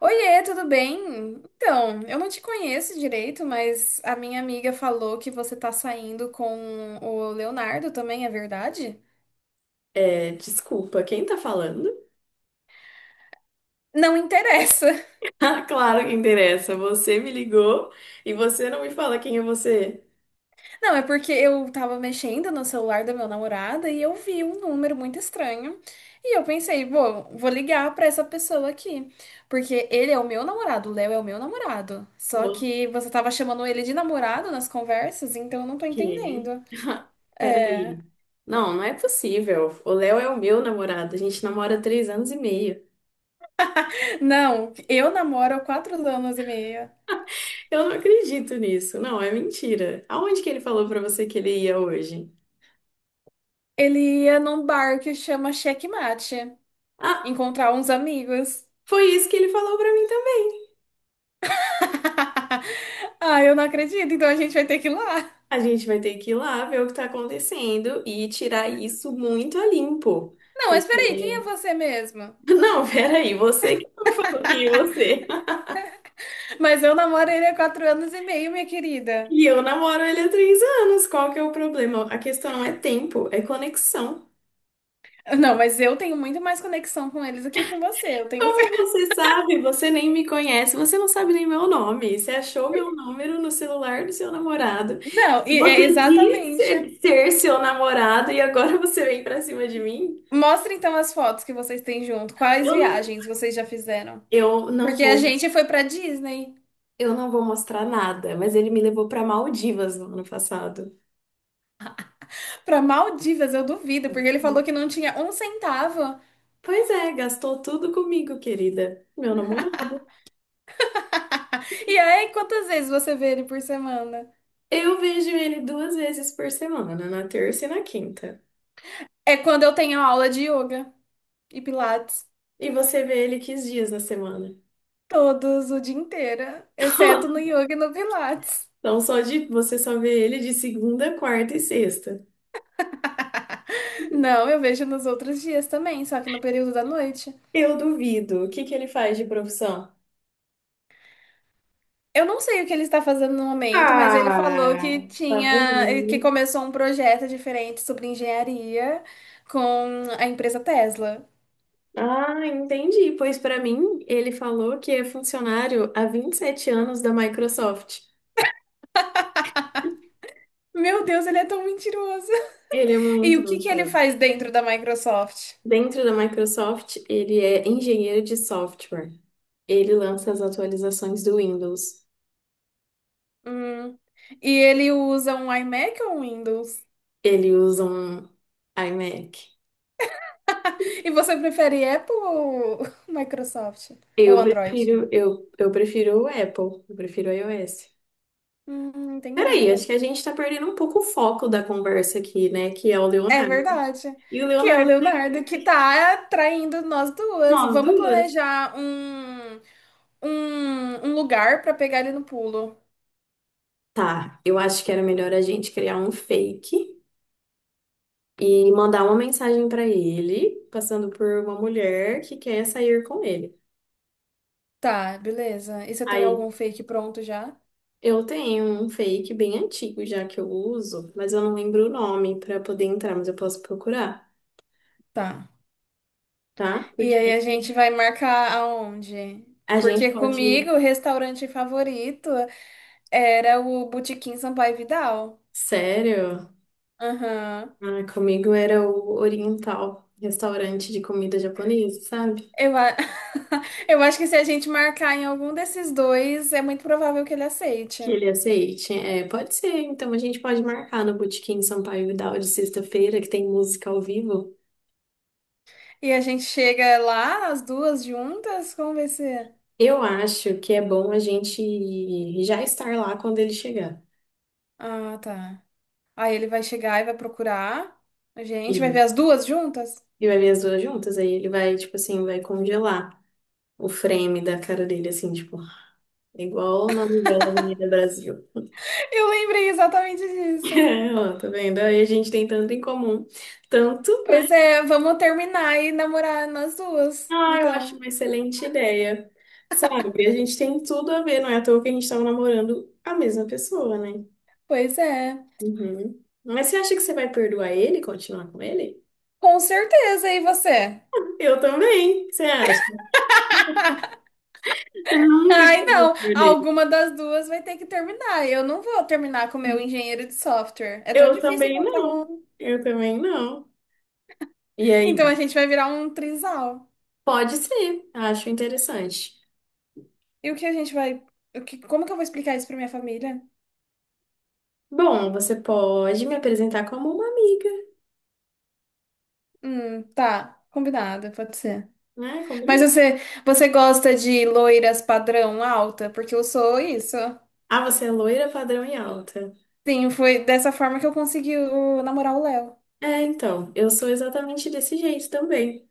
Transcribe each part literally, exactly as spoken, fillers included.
Oiê, tudo bem? Então, eu não te conheço direito, mas a minha amiga falou que você tá saindo com o Leonardo também, é verdade? É, desculpa, quem tá falando? Não interessa. Ah, claro que interessa. Você me ligou e você não me fala quem é você. Não, é porque eu tava mexendo no celular da meu namorado e eu vi um número muito estranho. E eu pensei, bom, vou ligar pra essa pessoa aqui. Porque ele é o meu namorado, o Léo é o meu namorado. Só Vou que você tava chamando ele de namorado nas conversas, então eu não tô quê? entendendo. Peraí. Não, não é possível. O Léo é o meu namorado. A gente namora há três anos e meio. Não, eu namoro há quatro anos e meio. Eu não acredito nisso. Não, é mentira. Aonde que ele falou pra você que ele ia hoje? Ele ia num bar que chama Checkmate, Ah, encontrar uns amigos. foi isso que ele falou pra mim também. Ah, eu não acredito, então a gente vai ter que ir lá. A gente vai ter que ir lá ver o que tá acontecendo e tirar isso muito a limpo. Não, mas peraí, quem é Porque você mesmo? não, peraí, você que não falou quem é você. Mas eu namoro ele há quatro anos e meio, minha querida. E eu namoro ele há três anos. Qual que é o problema? A questão não é tempo, é conexão. Não, mas eu tenho muito mais conexão com eles do que com você, eu tenho Como certeza. você sabe? Você nem me conhece, você não sabe nem meu nome. Você achou meu número no celular do seu namorado. Não, E e- é você disse exatamente. ser ser seu namorado e agora você vem pra cima de mim? Mostra então as fotos que vocês têm junto. Quais Eu não, viagens vocês já fizeram? eu não Porque a vou, gente foi pra Disney, eu não vou mostrar nada, mas ele me levou pra Maldivas no ano passado. pra Maldivas, eu duvido, porque ele falou que não tinha um centavo. Pois é, gastou tudo comigo, querida. Meu namorado. E aí, quantas vezes você vê ele por semana? Eu vejo ele duas vezes por semana, na terça e na quinta. É quando eu tenho aula de yoga e pilates. E você vê ele que dias na semana? Todos o dia inteiro, exceto no yoga e no pilates. Então, só de você só vê ele de segunda, quarta e sexta. Não, eu vejo nos outros dias também, só que no período da noite. Eu duvido. O que que ele faz de profissão? Eu não sei o que ele está fazendo no momento, mas ele falou que Ah, tá tinha, eh, que vendo? começou um projeto diferente sobre engenharia com a empresa Tesla. Ah, entendi. Pois pra mim, ele falou que é funcionário há vinte e sete anos da Microsoft. Meu Deus, ele é tão mentiroso. Ele é E muito o que que ele mentiroso. faz dentro da Microsoft? Dentro da Microsoft, ele é engenheiro de software. Ele lança as atualizações do Windows. Hum. E ele usa um iMac ou um Windows? Ele usa um iMac. E você prefere Apple ou Microsoft? Ou Eu Android? prefiro, eu, eu prefiro o Apple, eu prefiro o iOS. Hum, Peraí, entendi. acho que a gente tá perdendo um pouco o foco da conversa aqui, né? Que é o É Leonardo. verdade. E o Que é o Leonardo, tá Leonardo que tá traindo nós duas. nós Vamos duas. planejar um, um, um lugar pra pegar ele no pulo. Tá, eu acho que era melhor a gente criar um fake e mandar uma mensagem pra ele, passando por uma mulher que quer sair com ele. Tá, beleza. E você tem Aí algum fake pronto já? eu tenho um fake bem antigo já que eu uso, mas eu não lembro o nome para poder entrar, mas eu posso procurar, Tá. tá? E Porque aí a gente vai marcar aonde? a gente Porque pode. comigo, o restaurante favorito. Era o Botequim Sampaio Vidal. Sério? Aham. Ah, comigo era o Oriental, restaurante de comida japonesa, sabe? Eu, a- Eu acho que se a gente marcar em algum desses dois, é muito provável que ele Que aceite. ele aceite. É, pode ser, então a gente pode marcar no Botequim Sampaio Vidal de sexta-feira, que tem música ao vivo. E a gente chega lá, as duas juntas, como vai ser? Eu acho que é bom a gente já estar lá quando ele chegar. Ah, tá. Aí ele vai chegar e vai procurar. A gente vai ver as Isso. duas juntas? E vai ver as duas juntas, aí ele vai, tipo assim, vai congelar o frame da cara dele, assim, tipo, é igual na novela Avenida Brasil. Eu lembrei exatamente disso. É, ó, tá vendo? Aí a gente tem tanto em comum. Tanto, né? Pois é, vamos terminar e namorar nas duas. Ah, eu acho Então, uma excelente ideia. Sabe, a gente tem tudo a ver, não é à toa que a gente tava namorando a mesma pessoa, né? pois é. Uhum. Mas você acha que você vai perdoar ele e continuar com ele? Com certeza, e você? Eu também, você acha? Eu nunca que Ai, eu vou não. perder. Alguma das duas vai ter que terminar. Eu não vou terminar com o meu engenheiro de software. É tão Eu difícil também encontrar não. um. Eu também não. E Então a aí? gente vai virar um trisal. Pode ser, acho interessante. E o que a gente vai. o que- Como que eu vou explicar isso pra minha família? Bom, você pode me apresentar como uma amiga, Hum, tá. Combinado, pode ser. né? Mas Combinou? você, você gosta de loiras padrão alta? Porque eu sou isso. Ah, você é loira, padrão e alta. Sim, foi dessa forma que eu consegui o- namorar o Léo. É, então, eu sou exatamente desse jeito também.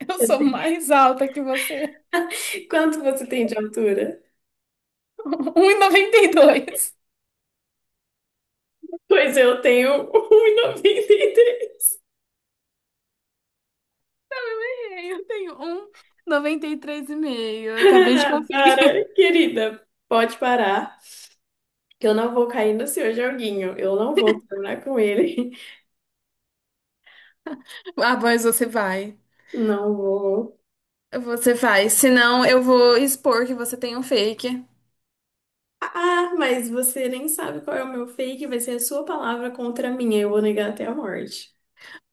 Eu Eu sou tenho- mais alta que você. Quanto você tem de altura? um e e noventa e dois. Pois eu tenho um e noventa e três. Eu errei, eu tenho um noventa e três vírgula cinco. Eu acabei de Para, conferir. querida, pode parar, que eu não vou cair no seu joguinho. Eu não vou terminar com ele. Ah, mas você vai. Não vou. Você vai. Senão eu vou expor que você tem um fake. Ah, mas você nem sabe qual é o meu fake, vai ser a sua palavra contra a minha. Eu vou negar até a morte.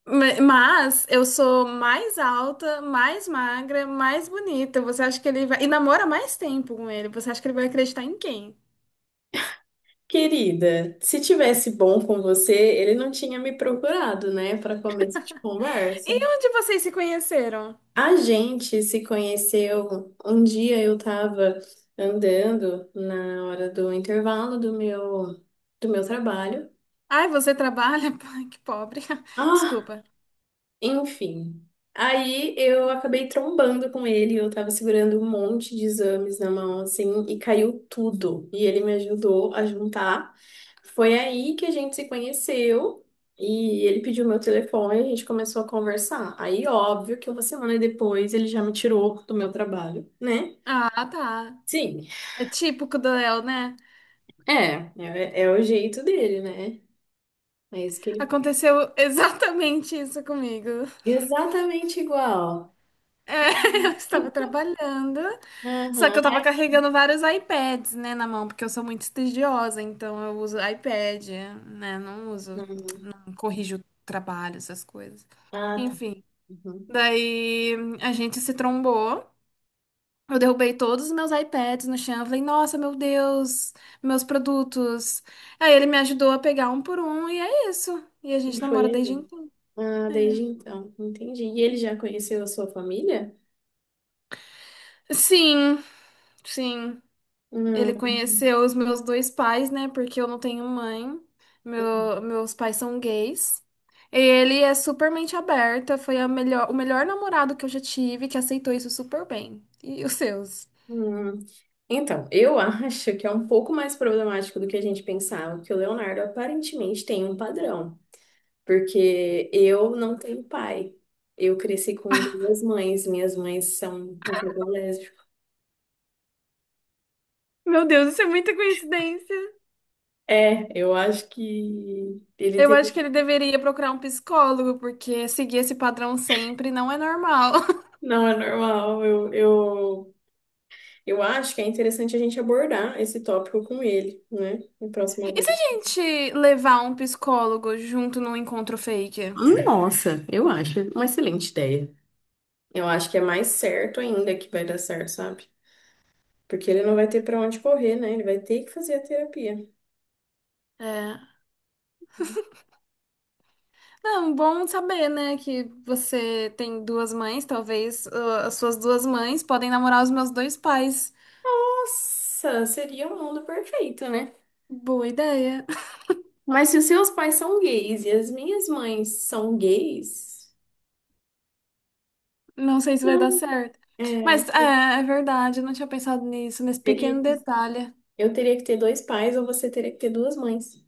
Ma- Mas eu sou mais alta, mais magra, mais bonita. Você acha que ele vai. E namora mais tempo com ele. Você acha que ele vai acreditar em quem? Querida, se tivesse bom com você, ele não tinha me procurado, né, para começo de conversa. E onde vocês se conheceram? A gente se conheceu um dia eu estava andando na hora do intervalo do meu do meu trabalho. Ai, você trabalha? Ai, que pobre. Ah, Desculpa. enfim, aí eu acabei trombando com ele, eu tava segurando um monte de exames na mão, assim, e caiu tudo. E ele me ajudou a juntar. Foi aí que a gente se conheceu e ele pediu meu telefone e a gente começou a conversar. Aí, óbvio que uma semana depois ele já me tirou do meu trabalho, né? Ah, tá. Sim, É típico do Léo, né? é, é, é o jeito dele, né? É isso que ele faz. Aconteceu exatamente isso comigo. Exatamente igual. É, eu estava trabalhando, só que Aham. eu estava Ai, que- carregando vários iPads, né, na mão, porque eu sou muito estudiosa, então eu uso iPad, né, não uso, uhum. corrijo trabalho, essas coisas. Ah, tá. Enfim, Uhum. daí a gente se trombou, eu derrubei todos os meus iPads no chão, eu falei, nossa, meu Deus, meus produtos. Aí ele me ajudou a pegar um por um, e é isso. E a E gente foi namora desde ele. então. Ah, desde então, entendi. E ele já conheceu a sua família? Sim, sim. Ele Hum, conheceu os meus dois pais, né? Porque eu não tenho mãe. uhum. Meu, meus pais são gays. E ele é super mente aberta. Foi a melhor, o melhor namorado que eu já tive que aceitou isso super bem. E os seus? Hum. Então, eu acho que é um pouco mais problemático do que a gente pensava, que o Leonardo aparentemente tem um padrão, porque eu não tenho pai. Eu cresci com duas mães, minhas mães são um pouco lésbicas. Meu Deus, isso é muita coincidência. É, eu acho que ele Eu acho que ele teria. deveria procurar um psicólogo, porque seguir esse padrão sempre não é normal. Não é normal, eu, eu Eu acho que é interessante a gente abordar esse tópico com ele, né? Na próxima E se a vez. gente levar um psicólogo junto num encontro fake? Nossa, eu acho uma excelente ideia. Eu acho que é mais certo ainda que vai dar certo, sabe? Porque ele não vai ter pra onde correr, né? Ele vai ter que fazer a terapia. É. É bom saber, né, que você tem duas mães, talvez ah, as suas duas mães podem namorar os meus dois pais. Nossa, seria o mundo perfeito, né? Boa ideia. Mas se os seus pais são gays e as minhas mães são gays, Não sei se vai então, dar certo. é, Mas eu é, é verdade, eu não tinha pensado nisso, nesse teria pequeno que, detalhe. eu teria que ter dois pais ou você teria que ter duas mães.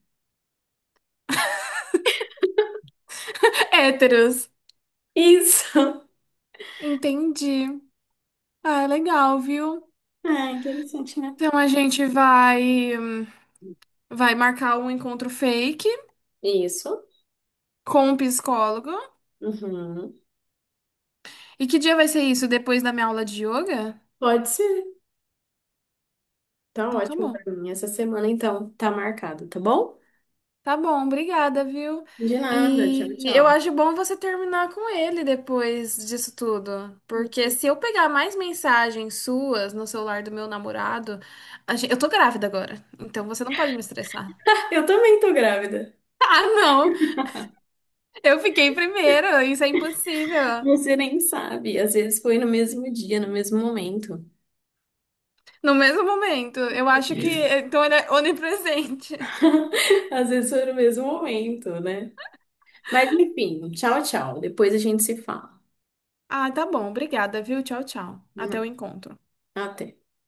Héteros. Isso! Entendi. Ah, é legal, viu? É interessante, né? Então a gente vai vai marcar um encontro fake Isso. com o psicólogo. Uhum. E que dia vai ser isso? Depois da minha aula de yoga? Pode ser. Tá Então tá ótimo bom. pra mim. Essa semana, então, tá marcado, tá bom? Tá bom, obrigada, viu? De nada. Tchau, E eu tchau. acho bom você terminar com ele depois disso tudo. Porque se eu pegar mais mensagens suas no celular do meu namorado, a gen- eu tô grávida agora. Então você não pode me estressar. Eu também tô grávida. Ah, não! Eu fiquei primeiro, isso é impossível. Você nem sabe. Às vezes foi no mesmo dia, no mesmo momento. No mesmo momento, eu acho que então ele é onipresente. Às vezes foi no mesmo momento, né? Mas enfim, tchau, tchau. Depois a gente se fala. Ah, tá bom, obrigada, viu? Tchau, tchau. Até o encontro. Até.